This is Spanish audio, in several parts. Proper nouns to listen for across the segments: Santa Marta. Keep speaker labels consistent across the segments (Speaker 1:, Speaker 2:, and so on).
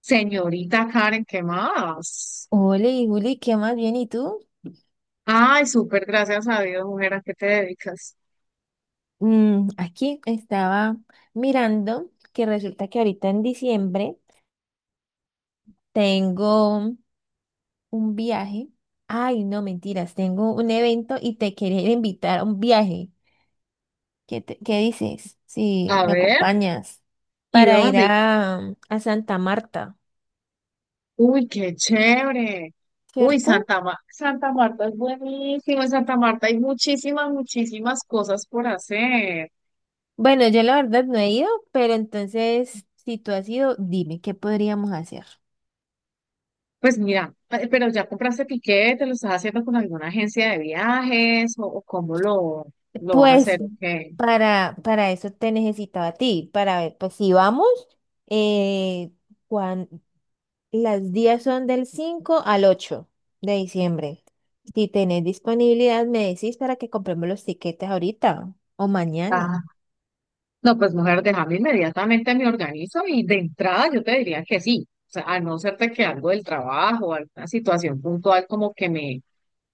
Speaker 1: Señorita Karen, ¿qué más?
Speaker 2: Hola, y Juli, ¿qué más bien? ¿Y tú?
Speaker 1: Ay, súper, gracias a Dios, mujer, ¿a qué te dedicas?
Speaker 2: Aquí estaba mirando que resulta que ahorita en diciembre tengo un viaje. Ay, no, mentiras, tengo un evento y te quería invitar a un viaje. ¿Qué, qué dices? Si
Speaker 1: A
Speaker 2: me
Speaker 1: ver,
Speaker 2: acompañas
Speaker 1: ¿y
Speaker 2: para ir
Speaker 1: dónde?
Speaker 2: a Santa Marta,
Speaker 1: Uy, qué chévere. Uy,
Speaker 2: ¿cierto?
Speaker 1: Santa Marta es buenísimo. En Santa Marta hay muchísimas cosas por hacer.
Speaker 2: Bueno, yo la verdad no he ido, pero entonces, si tú has ido, dime, ¿qué podríamos hacer?
Speaker 1: Pues mira, pero ya compraste tiquete, lo estás haciendo con alguna agencia de viajes o cómo lo vas a
Speaker 2: Pues
Speaker 1: hacer, ¿ok?
Speaker 2: para eso te necesitaba a ti, para ver, pues si vamos, eh, cuan- las días son del 5 al 8 de diciembre. Si tenés disponibilidad, me decís para que compremos los tiquetes ahorita o mañana.
Speaker 1: No, pues mujer, déjame, inmediatamente me organizo y de entrada yo te diría que sí. O sea, a no ser de que algo del trabajo, alguna situación puntual como que me,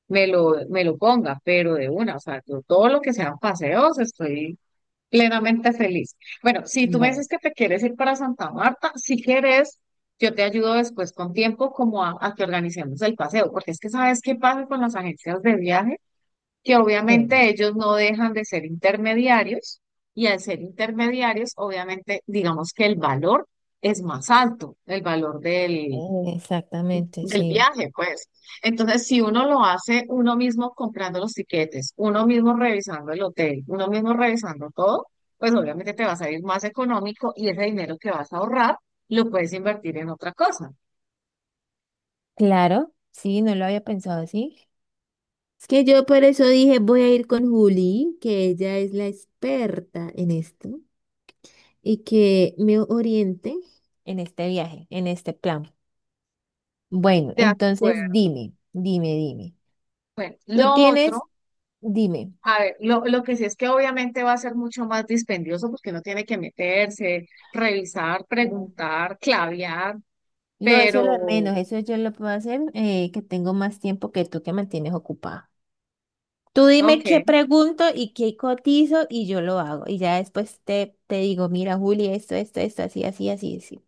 Speaker 1: me lo, me lo ponga, pero de una, o sea, yo todo lo que sean paseos estoy plenamente feliz. Bueno, si tú me dices que te quieres ir para Santa Marta, si quieres, yo te ayudo después con tiempo como a que organicemos el paseo, porque es que sabes qué pasa con las agencias de viaje que obviamente ellos no dejan de ser intermediarios y al ser intermediarios, obviamente, digamos que el valor es más alto, el valor del,
Speaker 2: Eh, Exactamente,
Speaker 1: del
Speaker 2: sí.
Speaker 1: viaje, pues. Entonces, si uno lo hace uno mismo comprando los tiquetes, uno mismo revisando el hotel, uno mismo revisando todo, pues obviamente te va a salir más económico y ese dinero que vas a ahorrar lo puedes invertir en otra cosa.
Speaker 2: Claro, sí, no lo había pensado así. Es que yo por eso dije, voy a ir con Juli, que ella es la experta en esto. Y que me oriente en este viaje, en este plan. Bueno,
Speaker 1: De
Speaker 2: entonces
Speaker 1: acuerdo.
Speaker 2: dime, dime.
Speaker 1: Bueno,
Speaker 2: Tú
Speaker 1: lo
Speaker 2: tienes,
Speaker 1: otro.
Speaker 2: dime.
Speaker 1: A ver, lo que sí es que obviamente va a ser mucho más dispendioso porque uno tiene que meterse, revisar,
Speaker 2: Ujú.
Speaker 1: preguntar, clavear,
Speaker 2: No, eso es lo de
Speaker 1: pero,
Speaker 2: menos, eso yo lo puedo hacer, que tengo más tiempo que tú que mantienes ocupada. Tú dime qué
Speaker 1: ok,
Speaker 2: pregunto y qué cotizo y yo lo hago. Y ya después te digo, mira, Juli, esto, así, así.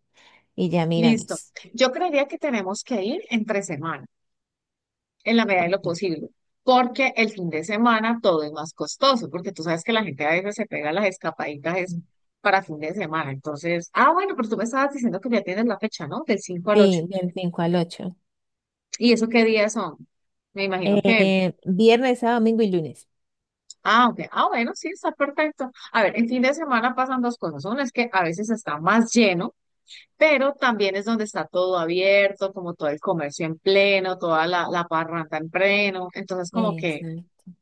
Speaker 2: Y ya
Speaker 1: listo.
Speaker 2: miramos.
Speaker 1: Yo creería que tenemos que ir entre semana, en la medida de lo
Speaker 2: Ok.
Speaker 1: posible, porque el fin de semana todo es más costoso, porque tú sabes que la gente a veces se pega las escapaditas es para fin de semana. Entonces, ah, bueno, pero tú me estabas diciendo que ya tienes la fecha, ¿no? Del 5 al ocho.
Speaker 2: Sí, del 5 al 8.
Speaker 1: ¿Y eso qué días son? Me imagino que...
Speaker 2: Viernes, sábado, domingo y lunes.
Speaker 1: Ah, ok. Ah, bueno, sí, está perfecto. A ver, en fin de semana pasan dos cosas. Una es que a veces está más lleno, pero también es donde está todo abierto, como todo el comercio en pleno, toda la parranda en pleno. Entonces, como que
Speaker 2: Eso.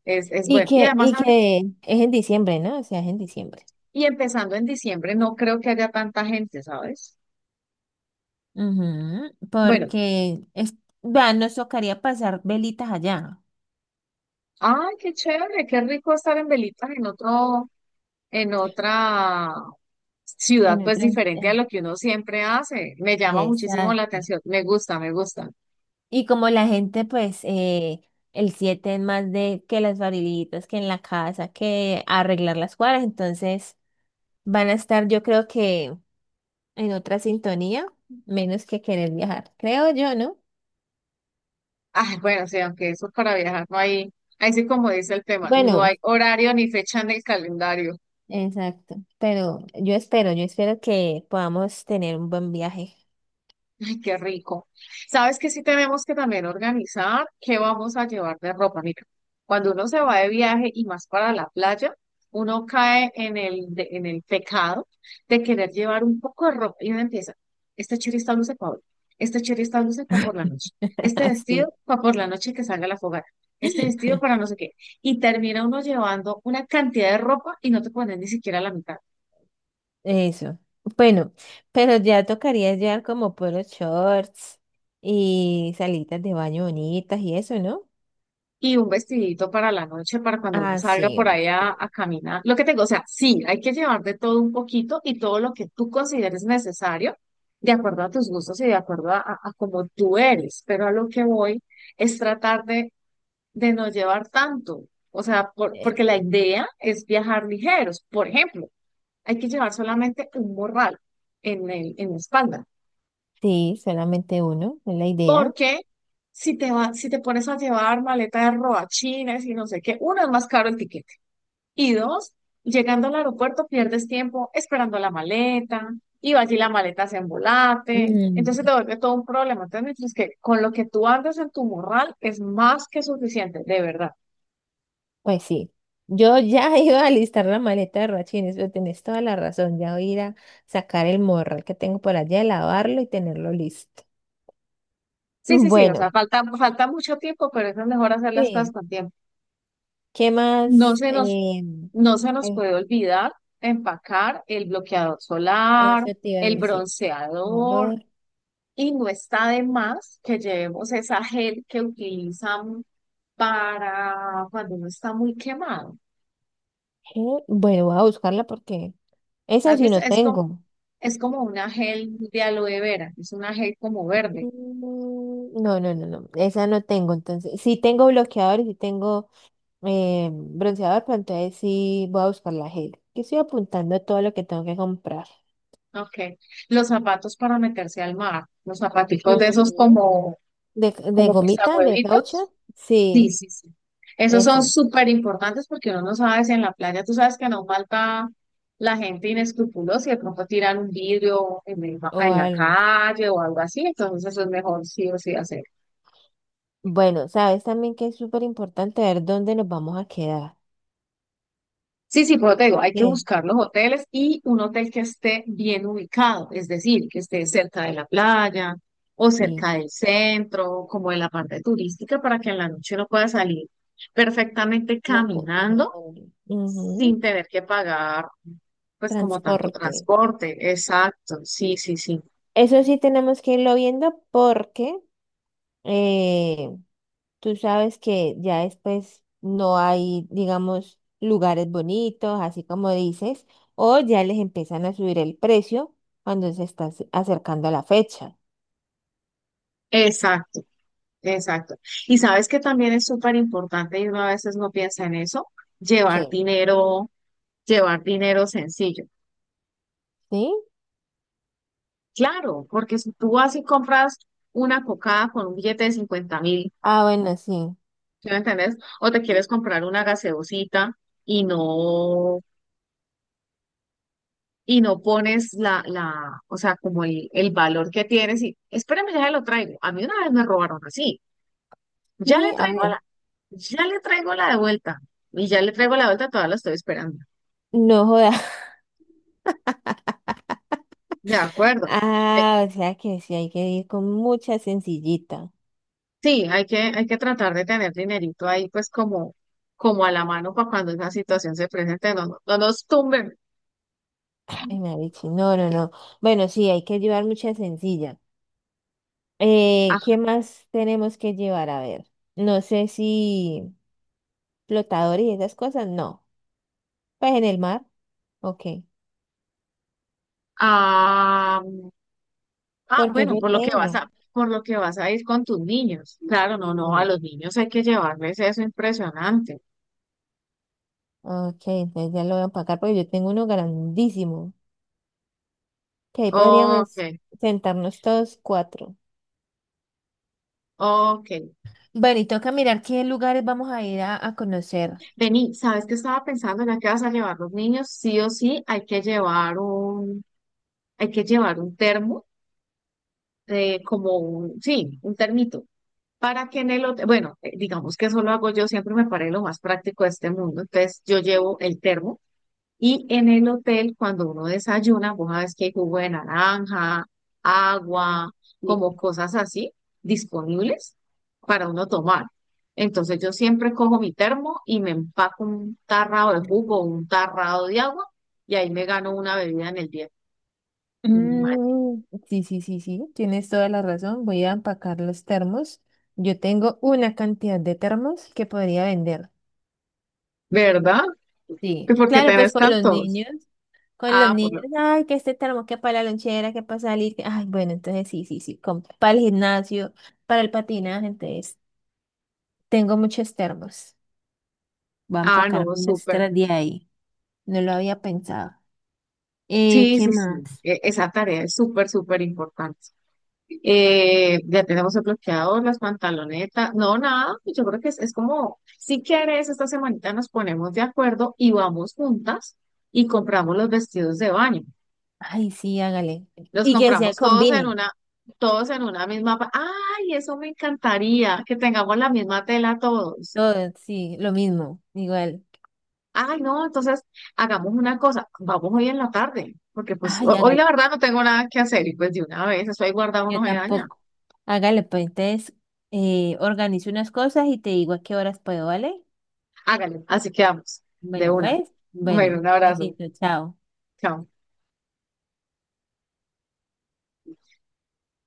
Speaker 1: es
Speaker 2: Y
Speaker 1: bueno. Y
Speaker 2: que,
Speaker 1: además,
Speaker 2: y
Speaker 1: ahora-
Speaker 2: que es en diciembre, ¿no? O sea, es en diciembre.
Speaker 1: y empezando en diciembre, no creo que haya tanta gente, ¿sabes?
Speaker 2: Ujú,
Speaker 1: Bueno,
Speaker 2: porque es, vea, nos tocaría pasar velitas allá,
Speaker 1: ay, qué chévere, qué rico estar en Velitas en otro, en otra
Speaker 2: en
Speaker 1: ciudad,
Speaker 2: el
Speaker 1: pues
Speaker 2: tren.
Speaker 1: diferente a lo que uno siempre hace. Me llama muchísimo la
Speaker 2: Exacto.
Speaker 1: atención. Me gusta, me gusta.
Speaker 2: Y como la gente, pues, el 7 es más de que las barilitas, que en la casa, que arreglar las cuadras, entonces van a estar, yo creo que en otra sintonía, menos que querer viajar, creo yo, ¿no?
Speaker 1: Ah, bueno, sí, aunque eso es para viajar, no hay, ahí sí como dice el tema, no hay
Speaker 2: Bueno.
Speaker 1: horario ni fecha en el calendario.
Speaker 2: Exacto. Pero yo espero que podamos tener un buen viaje.
Speaker 1: Ay, qué rico. ¿Sabes que sí tenemos que también organizar qué vamos a llevar de ropa? Mira, cuando uno se va de viaje y más para la playa, uno cae en en el pecado de querer llevar un poco de ropa y uno empieza, este chiri está luce para hoy, este chiri está luce para por la noche, este vestido
Speaker 2: Así.
Speaker 1: para por la noche que salga a la fogata, este vestido para no sé qué. Y termina uno llevando una cantidad de ropa y no te pones ni siquiera la mitad.
Speaker 2: Eso. Bueno, pero ya tocaría llevar como puros shorts y salitas de baño bonitas y eso, ¿no?
Speaker 1: Y un vestidito para la noche, para cuando uno
Speaker 2: Ah,
Speaker 1: salga
Speaker 2: sí,
Speaker 1: por ahí a,
Speaker 2: obviamente.
Speaker 1: a caminar. Lo que tengo, o sea, sí, hay que llevar de todo un poquito y todo lo que tú consideres necesario, de acuerdo a tus gustos y de acuerdo a cómo tú eres, pero a lo que voy es tratar de no llevar tanto, o sea, porque la idea es viajar ligeros. Por ejemplo, hay que llevar solamente un morral en la espalda,
Speaker 2: Sí, solamente uno, es la idea.
Speaker 1: porque... Si te va, si te pones a llevar maleta de robachines y no sé qué, uno, es más caro el tiquete. Y dos, llegando al aeropuerto pierdes tiempo esperando la maleta, y va allí la maleta se embolate, entonces
Speaker 2: Mm,
Speaker 1: te vuelve todo un problema. Entonces, mientras que con lo que tú andas en tu morral es más que suficiente, de verdad.
Speaker 2: Pues sí, yo ya iba a listar la maleta de Rachines, pero tenés toda la razón, ya voy a ir a sacar el morral que tengo por allá, lavarlo y tenerlo listo.
Speaker 1: Sí, sí, sí, o sea,
Speaker 2: Bueno.
Speaker 1: falta mucho tiempo, pero es mejor hacer las cosas
Speaker 2: Sí,
Speaker 1: con tiempo.
Speaker 2: ¿qué
Speaker 1: No
Speaker 2: más?
Speaker 1: se nos, no se nos
Speaker 2: Ay,
Speaker 1: puede olvidar empacar el bloqueador solar,
Speaker 2: eso te iba a
Speaker 1: el
Speaker 2: decir.
Speaker 1: bronceador.
Speaker 2: Ador-
Speaker 1: Y no está de más que llevemos esa gel que utilizan para cuando uno está muy quemado.
Speaker 2: eh, Bueno, voy a buscarla porque esa
Speaker 1: ¿Has
Speaker 2: sí
Speaker 1: visto?
Speaker 2: no tengo.
Speaker 1: Es como una gel de aloe vera, es una gel como verde.
Speaker 2: No, no, esa no tengo. Entonces, sí tengo bloqueador y sí tengo bronceador, pero entonces sí voy a buscar la gel. Yo estoy apuntando todo lo que tengo que comprar.
Speaker 1: Okay. Los zapatos para meterse al mar, los zapaticos de esos
Speaker 2: Ujú.
Speaker 1: como,
Speaker 2: De
Speaker 1: como
Speaker 2: gomita, de
Speaker 1: pisahuevitos.
Speaker 2: caucho,
Speaker 1: Sí,
Speaker 2: sí,
Speaker 1: sí, sí. Esos son
Speaker 2: eso,
Speaker 1: súper importantes porque uno no sabe si en la playa, tú sabes que no falta la gente inescrupulosa y de pronto tiran un vidrio
Speaker 2: o
Speaker 1: en la
Speaker 2: algo.
Speaker 1: calle o algo así, entonces eso es mejor sí o sí hacer.
Speaker 2: Bueno, sabes también que es súper importante ver dónde nos vamos a quedar.
Speaker 1: Sí, sí, pero te digo, hay que buscar los hoteles y un hotel que esté bien ubicado, es decir, que esté cerca de la playa o
Speaker 2: Sí,
Speaker 1: cerca del centro, como de la parte turística, para que en la noche uno pueda salir perfectamente
Speaker 2: no,
Speaker 1: caminando
Speaker 2: hombre. Ujú,
Speaker 1: sin tener que pagar, pues como tanto
Speaker 2: transporte.
Speaker 1: transporte. Exacto, sí, sí, sí.
Speaker 2: Eso sí tenemos que irlo viendo porque eh, tú sabes que ya después no hay, digamos, lugares bonitos, así como dices, o ya les empiezan a subir el precio cuando se está acercando la fecha.
Speaker 1: Exacto, exacto. Y sabes que también es súper importante y uno a veces no piensa en eso, llevar
Speaker 2: ¿Qué?
Speaker 1: dinero, llevar dinero sencillo.
Speaker 2: ¿Sí?
Speaker 1: Claro, porque si tú vas y compras una cocada con un billete de 50 mil,
Speaker 2: Ah, bueno, sí.
Speaker 1: ¿sí me entendés? O te quieres comprar una gaseosita y no y no pones o sea, como el valor que tienes y espérame, ya lo traigo. A mí una vez me robaron así, ya le
Speaker 2: Sí, a
Speaker 1: traigo
Speaker 2: ver.
Speaker 1: la, ya le traigo la de vuelta y ya le traigo la vuelta, todavía la estoy esperando.
Speaker 2: No joda.
Speaker 1: De acuerdo. Eh,
Speaker 2: Ah, o sea que sí hay que ir con mucha sencillita.
Speaker 1: sí, hay que tratar de tener dinerito ahí, pues como, como a la mano para cuando esa situación se presente, no nos tumben.
Speaker 2: Ay, Marichi, no, no, no. Bueno, sí, hay que llevar mucha sencilla. ¿Qué
Speaker 1: Ajá.
Speaker 2: más tenemos que llevar? A ver, no sé si flotador y esas cosas, no. Pues en el mar, ok.
Speaker 1: Ah,
Speaker 2: Porque
Speaker 1: bueno,
Speaker 2: yo tengo.
Speaker 1: por lo que vas a ir con tus niños. Claro, no, no, a
Speaker 2: mm,
Speaker 1: los niños hay que llevarles eso impresionante.
Speaker 2: Ok, entonces ya lo voy a empacar porque yo tengo uno grandísimo. Que ahí
Speaker 1: Ok,
Speaker 2: podríamos sentarnos todos cuatro.
Speaker 1: ok.
Speaker 2: Bueno, y toca mirar qué lugares vamos a ir a conocer.
Speaker 1: Vení, ¿sabes qué estaba pensando? Ya que vas a llevar los niños, sí o sí hay que llevar un termo, como un, sí, un termito, para que en el hotel, bueno, digamos que eso lo hago yo, siempre me parece lo más práctico de este mundo, entonces yo llevo el termo. Y en el hotel, cuando uno desayuna, vos sabes que hay jugo de naranja, agua, como cosas así disponibles para uno tomar. Entonces yo siempre cojo mi termo y me empaco un tarrado de jugo, un tarrado de agua, y ahí me gano una bebida en el día. Man,
Speaker 2: Mm, sí, sí, tienes toda la razón. Voy a empacar los termos. Yo tengo una cantidad de termos que podría vender.
Speaker 1: ¿verdad? ¿Y
Speaker 2: Sí,
Speaker 1: por qué
Speaker 2: claro, pues
Speaker 1: tenés
Speaker 2: con los
Speaker 1: tantos?
Speaker 2: niños, con los
Speaker 1: Ah, por lo...
Speaker 2: niños, ay, que este termo, que para la lonchera, que para salir, ay, bueno, entonces sí, para el gimnasio, para el patinaje, entonces tengo muchos termos. Voy a
Speaker 1: Ah,
Speaker 2: empacar
Speaker 1: no,
Speaker 2: unos
Speaker 1: súper.
Speaker 2: extra de ahí. No lo había pensado.
Speaker 1: Sí,
Speaker 2: ¿Qué
Speaker 1: sí, sí.
Speaker 2: más?
Speaker 1: Esa tarea es súper importante. Ya tenemos el bloqueador, las pantalonetas. No, nada, yo creo que es como, si quieres, esta semanita nos ponemos de acuerdo y vamos juntas y compramos los vestidos de baño.
Speaker 2: Ay, sí, hágale.
Speaker 1: Los
Speaker 2: Y que se
Speaker 1: compramos
Speaker 2: combinen.
Speaker 1: todos en una misma. Ay, eso me encantaría, que tengamos la misma tela todos.
Speaker 2: Todo, sí, lo mismo, igual.
Speaker 1: Ay, no, entonces hagamos una cosa, vamos hoy en la tarde, porque pues
Speaker 2: Ay,
Speaker 1: hoy la
Speaker 2: hágale.
Speaker 1: verdad no tengo nada que hacer y pues de una vez, eso ahí guardado
Speaker 2: Yo
Speaker 1: no se daña.
Speaker 2: tampoco. Hágale, pues entonces organizo unas cosas y te digo a qué horas puedo, ¿vale?
Speaker 1: Hágale, así quedamos, de
Speaker 2: Bueno,
Speaker 1: una.
Speaker 2: pues,
Speaker 1: Bueno,
Speaker 2: bueno,
Speaker 1: un abrazo.
Speaker 2: besito, chao.
Speaker 1: Chao.